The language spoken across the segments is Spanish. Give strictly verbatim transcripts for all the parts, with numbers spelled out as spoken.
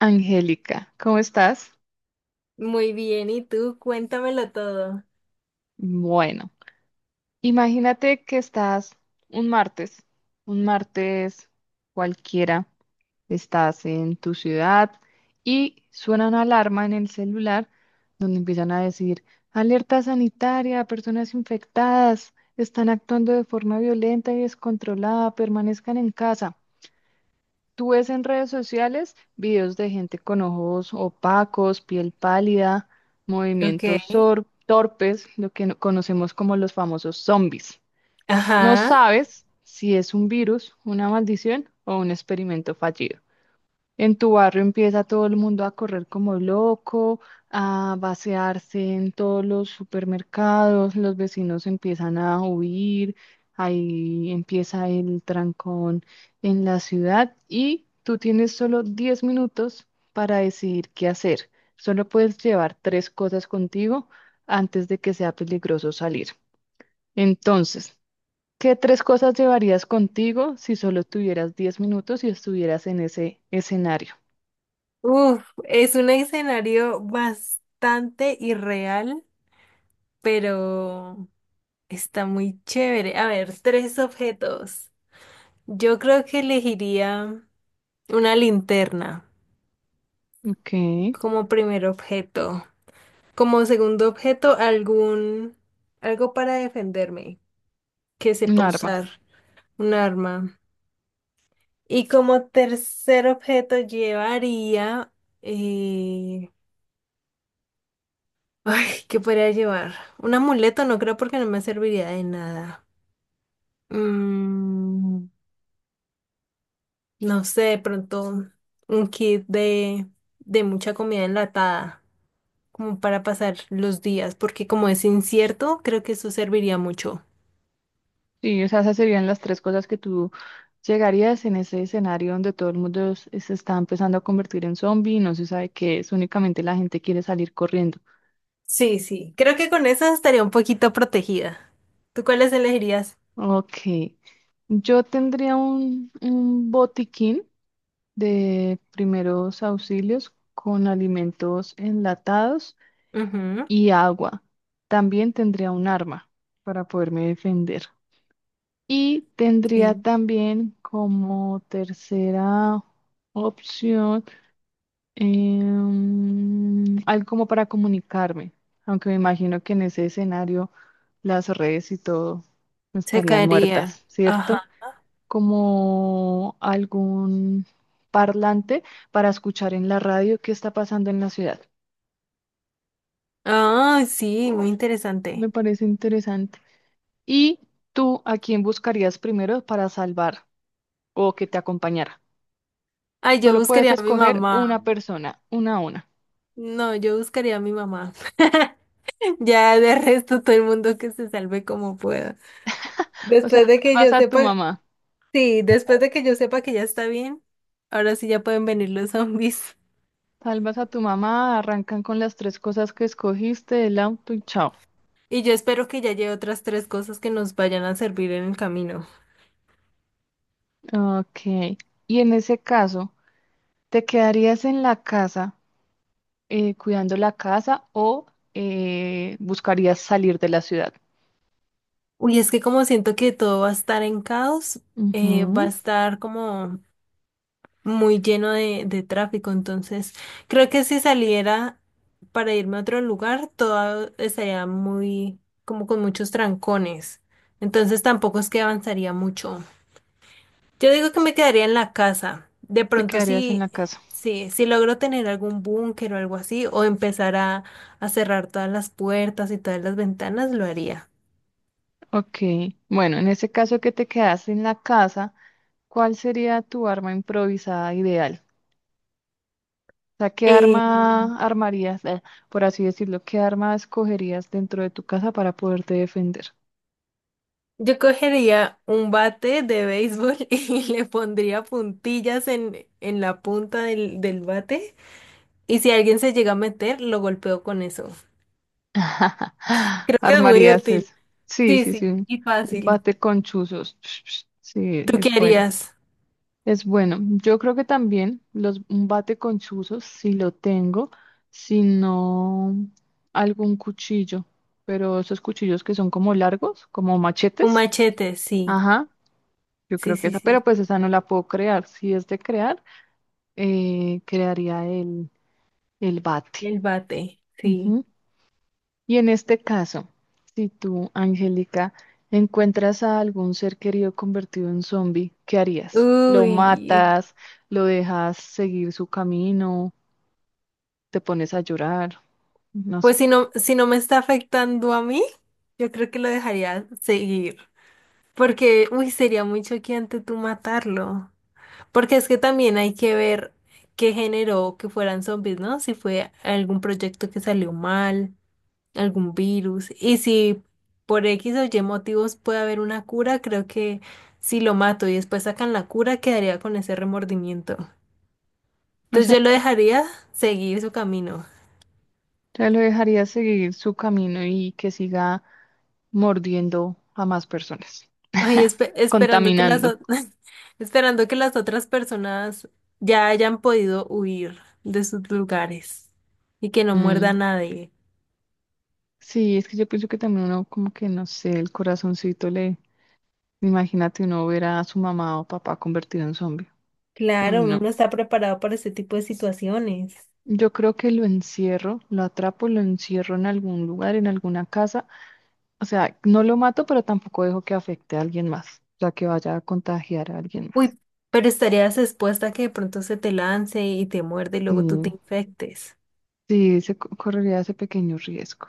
Angélica, ¿cómo estás? Muy bien, ¿y tú? Cuéntamelo todo. Bueno, imagínate que estás un martes, un martes cualquiera, estás en tu ciudad y suena una alarma en el celular donde empiezan a decir, alerta sanitaria, personas infectadas, están actuando de forma violenta y descontrolada, permanezcan en casa. Tú ves en redes sociales videos de gente con ojos opacos, piel pálida, Ok. movimientos sor- torpes, lo que no- conocemos como los famosos zombies. No Ajá. sabes si es un virus, una maldición o un experimento fallido. En tu barrio empieza todo el mundo a correr como loco, a vaciarse en todos los supermercados, los vecinos empiezan a huir, ahí empieza el trancón en la ciudad y tú tienes solo diez minutos para decidir qué hacer. Solo puedes llevar tres cosas contigo antes de que sea peligroso salir. Entonces, ¿qué tres cosas llevarías contigo si solo tuvieras diez minutos y estuvieras en ese escenario? Uf, es un escenario bastante irreal, pero está muy chévere. A ver, tres objetos. Yo creo que elegiría una linterna Ok, como primer objeto. Como segundo objeto, algún algo para defenderme, que un sepa arma. usar un arma. Y como tercer objeto llevaría... eh, Ay, ¿qué podría llevar? Un amuleto no creo porque no me serviría de nada. Mm, no sé, de pronto un kit de, de mucha comida enlatada, como para pasar los días, porque como es incierto, creo que eso serviría mucho. Sí, o sea, esas serían las tres cosas que tú llegarías en ese escenario donde todo el mundo s- se está empezando a convertir en zombie y no se sabe qué es, únicamente la gente quiere salir corriendo. Sí, sí, creo que con eso estaría un poquito protegida. ¿Tú cuáles elegirías? Ok, yo tendría un, un botiquín de primeros auxilios con alimentos enlatados Ujú, y agua. También tendría un arma para poderme defender. Y tendría sí. también como tercera opción em, algo como para comunicarme, aunque me imagino que en ese escenario las redes y todo Se estarían caería. muertas, ¿cierto? Ajá. Como algún parlante para escuchar en la radio qué está pasando en la ciudad. Ah, sí, muy Me interesante. parece interesante. ¿Y tú a quién buscarías primero para salvar o que te acompañara? Ay, yo Solo puedes buscaría a mi escoger mamá. una persona, una a una. No, yo buscaría a mi mamá. Ya de resto todo el mundo que se salve como pueda. O sea, Después de que salvas yo a tu sepa, mamá. sí, después de que yo sepa que ya está bien, ahora sí ya pueden venir los zombies. Salvas a tu mamá, arrancan con las tres cosas que escogiste, el auto y chao. Y yo espero que ya lleve otras tres cosas que nos vayan a servir en el camino. Ok. Y en ese caso, ¿te quedarías en la casa, eh, cuidando la casa o eh, buscarías salir de la ciudad? Uy, es que como siento que todo va a estar en caos, eh, va a Ujú. estar como muy lleno de, de tráfico, entonces creo que si saliera para irme a otro lugar, todo estaría muy, como con muchos trancones, entonces tampoco es que avanzaría mucho. Yo digo que me quedaría en la casa, de Te pronto quedarías en si la casa. si si logro tener algún búnker o algo así, o empezar a, a cerrar todas las puertas y todas las ventanas, lo haría. Ok. Bueno, en ese caso que te quedas en la casa, ¿cuál sería tu arma improvisada ideal? O sea, ¿qué Eh, arma armarías, eh, por así decirlo, qué arma escogerías dentro de tu casa para poderte defender? Yo cogería un bate de béisbol y le pondría puntillas en, en la punta del, del bate. Y si alguien se llega a meter, lo golpeo con eso. Creo que es muy Armarías útil. eso. Sí, Sí, sí, sí. sí, Un y un fácil. bate con chuzos. Sí, ¿Tú qué es bueno. harías? Es bueno. Yo creo que también los, un bate con chuzos, si lo tengo, si no, algún cuchillo. Pero esos cuchillos que son como largos, como Un machetes. machete, sí. Ajá, yo Sí, creo que sí, esa, pero sí. pues esa no la puedo crear. Si es de crear. Eh, crearía el, el bate. El bate, sí. Ujú. Y en este caso, si tú, Angélica, encuentras a algún ser querido convertido en zombie, ¿qué harías? ¿Lo Uy. matas? ¿Lo dejas seguir su camino? ¿Te pones a llorar? No Pues sé. si no, si no me está afectando a mí, yo creo que lo dejaría seguir. Porque, uy, sería muy choqueante tú matarlo. Porque es que también hay que ver qué generó que fueran zombies, ¿no? Si fue algún proyecto que salió mal, algún virus. Y si por X o Y motivos puede haber una cura, creo que si lo mato y después sacan la cura, quedaría con ese remordimiento. O Entonces sea, yo lo que dejaría seguir su camino. ya lo dejarías seguir su camino y que siga mordiendo a más personas, Ay, espe- esperando que las contaminando. o- esperando que las otras personas ya hayan podido huir de sus lugares y que no muerda Mm. a nadie. Sí, es que yo pienso que también uno como que, no sé, el corazoncito le... Imagínate uno ver a su mamá o papá convertido en zombie. Uy, Claro, uno no. no está preparado para ese tipo de situaciones. Yo creo que lo encierro, lo atrapo, lo encierro en algún lugar, en alguna casa. O sea, no lo mato, pero tampoco dejo que afecte a alguien más, o sea, que vaya a contagiar a alguien más. Uy, pero estarías expuesta a que de pronto se te lance y te muerde y Sí, luego tú te infectes. sí, se co- correría ese pequeño riesgo.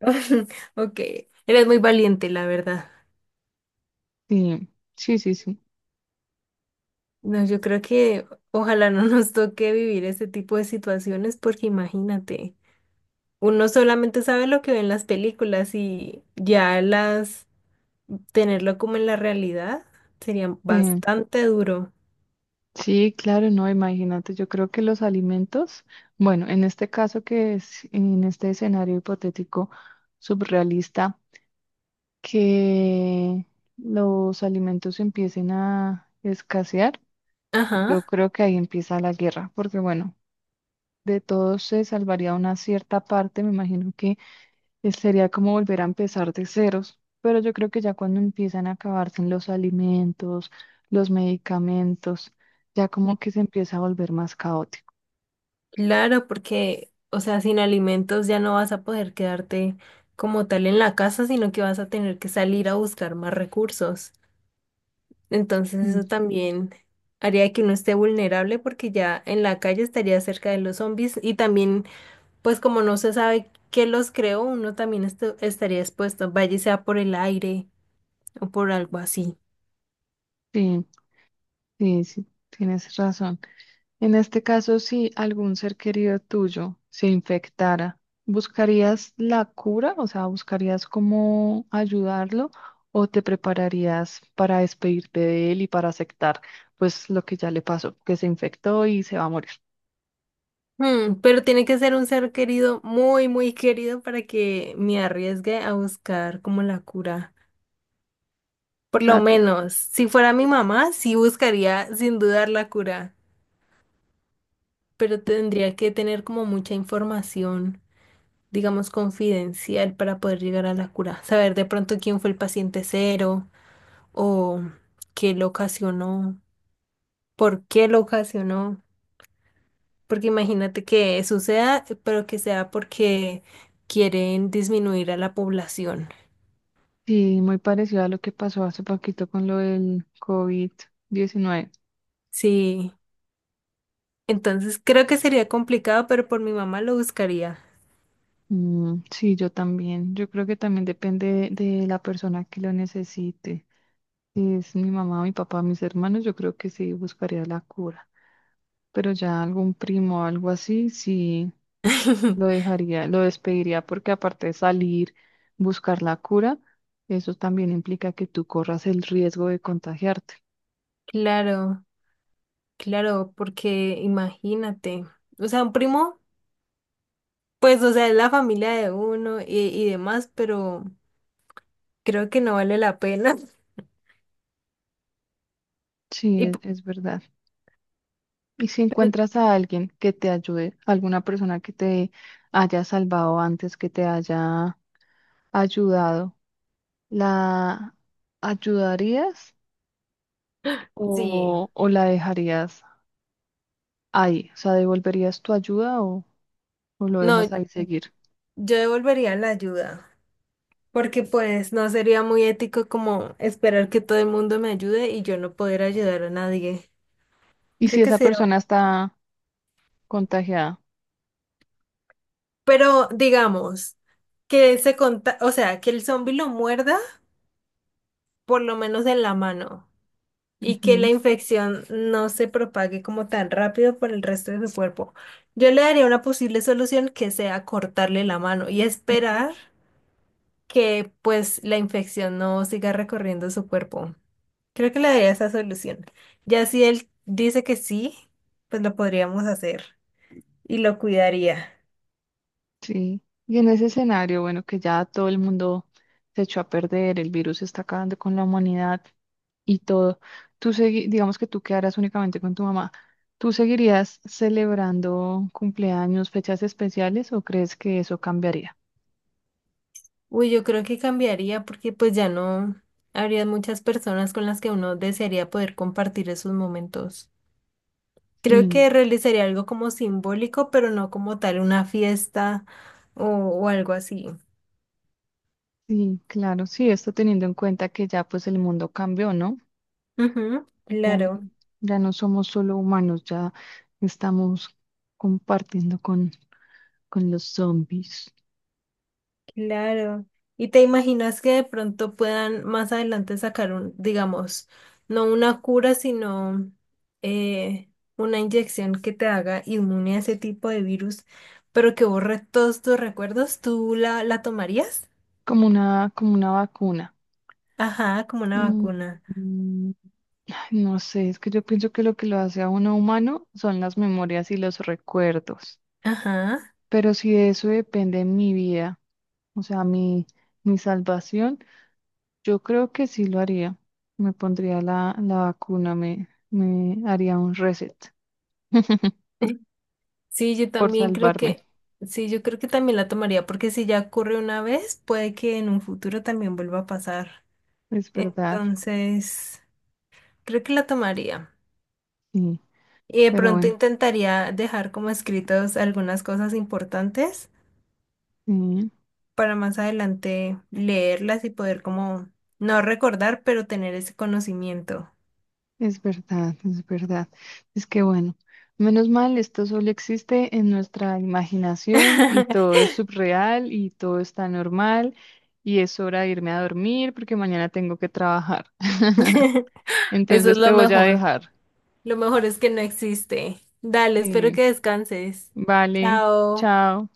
Ok, eres muy valiente, la verdad. Sí, sí, sí, sí. No, yo creo que ojalá no nos toque vivir ese tipo de situaciones porque imagínate, uno solamente sabe lo que ve en las películas y ya las tenerlo como en la realidad sería Sí, bastante duro. sí, claro, no, imagínate, yo creo que los alimentos, bueno, en este caso que es, en este escenario hipotético surrealista. Que los alimentos empiecen a escasear, yo Ajá. creo que ahí empieza la guerra, porque bueno, de todos se salvaría una cierta parte, me imagino que es- sería como volver a empezar de ceros, pero yo creo que ya cuando empiezan a acabarse los alimentos, los medicamentos, ya como que se empieza a volver más caótico. Claro, porque, o sea, sin alimentos ya no vas a poder quedarte como tal en la casa, sino que vas a tener que salir a buscar más recursos. Entonces Mm. eso también haría que uno esté vulnerable porque ya en la calle estaría cerca de los zombies y también, pues como no se sabe qué los creó, uno también estu- estaría expuesto, vaya y sea por el aire o por algo así. Sí, sí, sí, tienes razón. En este caso, si algún ser querido tuyo se infectara, ¿buscarías la cura? O sea, ¿buscarías cómo ayudarlo o te prepararías para despedirte de él y para aceptar pues lo que ya le pasó, que se infectó y se va a morir? Hmm, pero tiene que ser un ser querido, muy, muy querido para que me arriesgue a buscar como la cura. O Por lo sea, tú- menos, si fuera mi mamá, sí buscaría sin dudar la cura, pero tendría que tener como mucha información, digamos, confidencial para poder llegar a la cura. Saber de pronto quién fue el paciente cero o qué lo ocasionó, por qué lo ocasionó. Porque imagínate que suceda, pero que sea porque quieren disminuir a la población. sí, muy parecido a lo que pasó hace poquito con lo del covid diecinueve. Sí, entonces creo que sería complicado, pero por mi mamá lo buscaría. Mm, sí, yo también. Yo creo que también depende de de la persona que lo necesite. Es mi mamá, mi papá, mis hermanos, yo creo que sí buscaría la cura, pero ya algún primo o algo así, sí lo dejaría, lo despediría porque aparte de salir, buscar la cura, eso también implica que tú corras el riesgo de contagiarte. Claro. Claro, porque imagínate, o sea, un primo, pues, o sea, es la familia de uno y, y demás, pero creo que no vale la pena. Sí, Y p- es, es verdad. Y si pero encuentras a alguien que te ayude, alguna persona que te haya salvado antes, que te haya ayudado, ¿la ayudarías sí, o, o la dejarías ahí? O sea, ¿devolverías tu ayuda o, o lo no, dejas ahí seguir? yo devolvería la ayuda, porque pues no sería muy ético como esperar que todo el mundo me ayude y yo no poder ayudar a nadie. ¿Y si Creo que esa sería, persona está contagiada? pero digamos que se conta, o sea, que el zombi lo muerda por lo menos en la mano. Y que la Ujú, infección no se propague como tan rápido por el resto de su cuerpo. Yo le daría una posible solución que sea cortarle la mano y ujú. esperar que pues la infección no siga recorriendo su cuerpo. Creo que le daría esa solución. Ya si él dice que sí, pues lo podríamos hacer y lo cuidaría. Sí. Y en ese escenario, bueno, que ya todo el mundo se echó a perder, el virus está acabando con la humanidad y todo, tú segui- digamos que tú quedarás únicamente con tu mamá. ¿Tú seguirías celebrando cumpleaños, fechas especiales o crees que eso cambiaría? Uy, yo creo que cambiaría porque pues ya no habría muchas personas con las que uno desearía poder compartir esos momentos. Creo Sí, que realizaría algo como simbólico, pero no como tal una fiesta o, o algo así. sí, claro, sí, esto teniendo en cuenta que ya pues el mundo cambió, ¿no? Ujú, Ya, n- claro, ya no somos solo humanos, ya estamos compartiendo con, con los zombies, claro. ¿Y te imaginas que de pronto puedan más adelante sacar un, digamos, no una cura, sino eh, una inyección que te haga inmune a ese tipo de virus, pero que borre todos tus recuerdos? ¿Tú la, la tomarías? como una, como una vacuna. Ajá, como una Mm, vacuna. mm, ay, no sé, es que yo pienso que lo que lo hace a uno humano son las memorias y los recuerdos. Ajá. Pero si de eso depende mi vida, o sea, mi, mi salvación, yo creo que sí lo haría. Me pondría la, la vacuna, me, me haría un reset. Sí, yo Por también creo salvarme. que, sí, yo creo que también la tomaría, porque si ya ocurre una vez, puede que en un futuro también vuelva a pasar. Es verdad, Entonces, creo que la tomaría. sí, Y de pero pronto bueno, intentaría dejar como escritos algunas cosas importantes sí, para más adelante leerlas y poder como no recordar, pero tener ese conocimiento. es verdad, es verdad. Es que bueno, menos mal, esto solo existe en nuestra imaginación y todo es subreal y todo está normal y es hora de irme a dormir porque mañana tengo que trabajar. Eso es Entonces te lo voy a mejor. dejar. Lo mejor es que no existe. Dale, espero Sí, que descanses. vale, Chao. chao.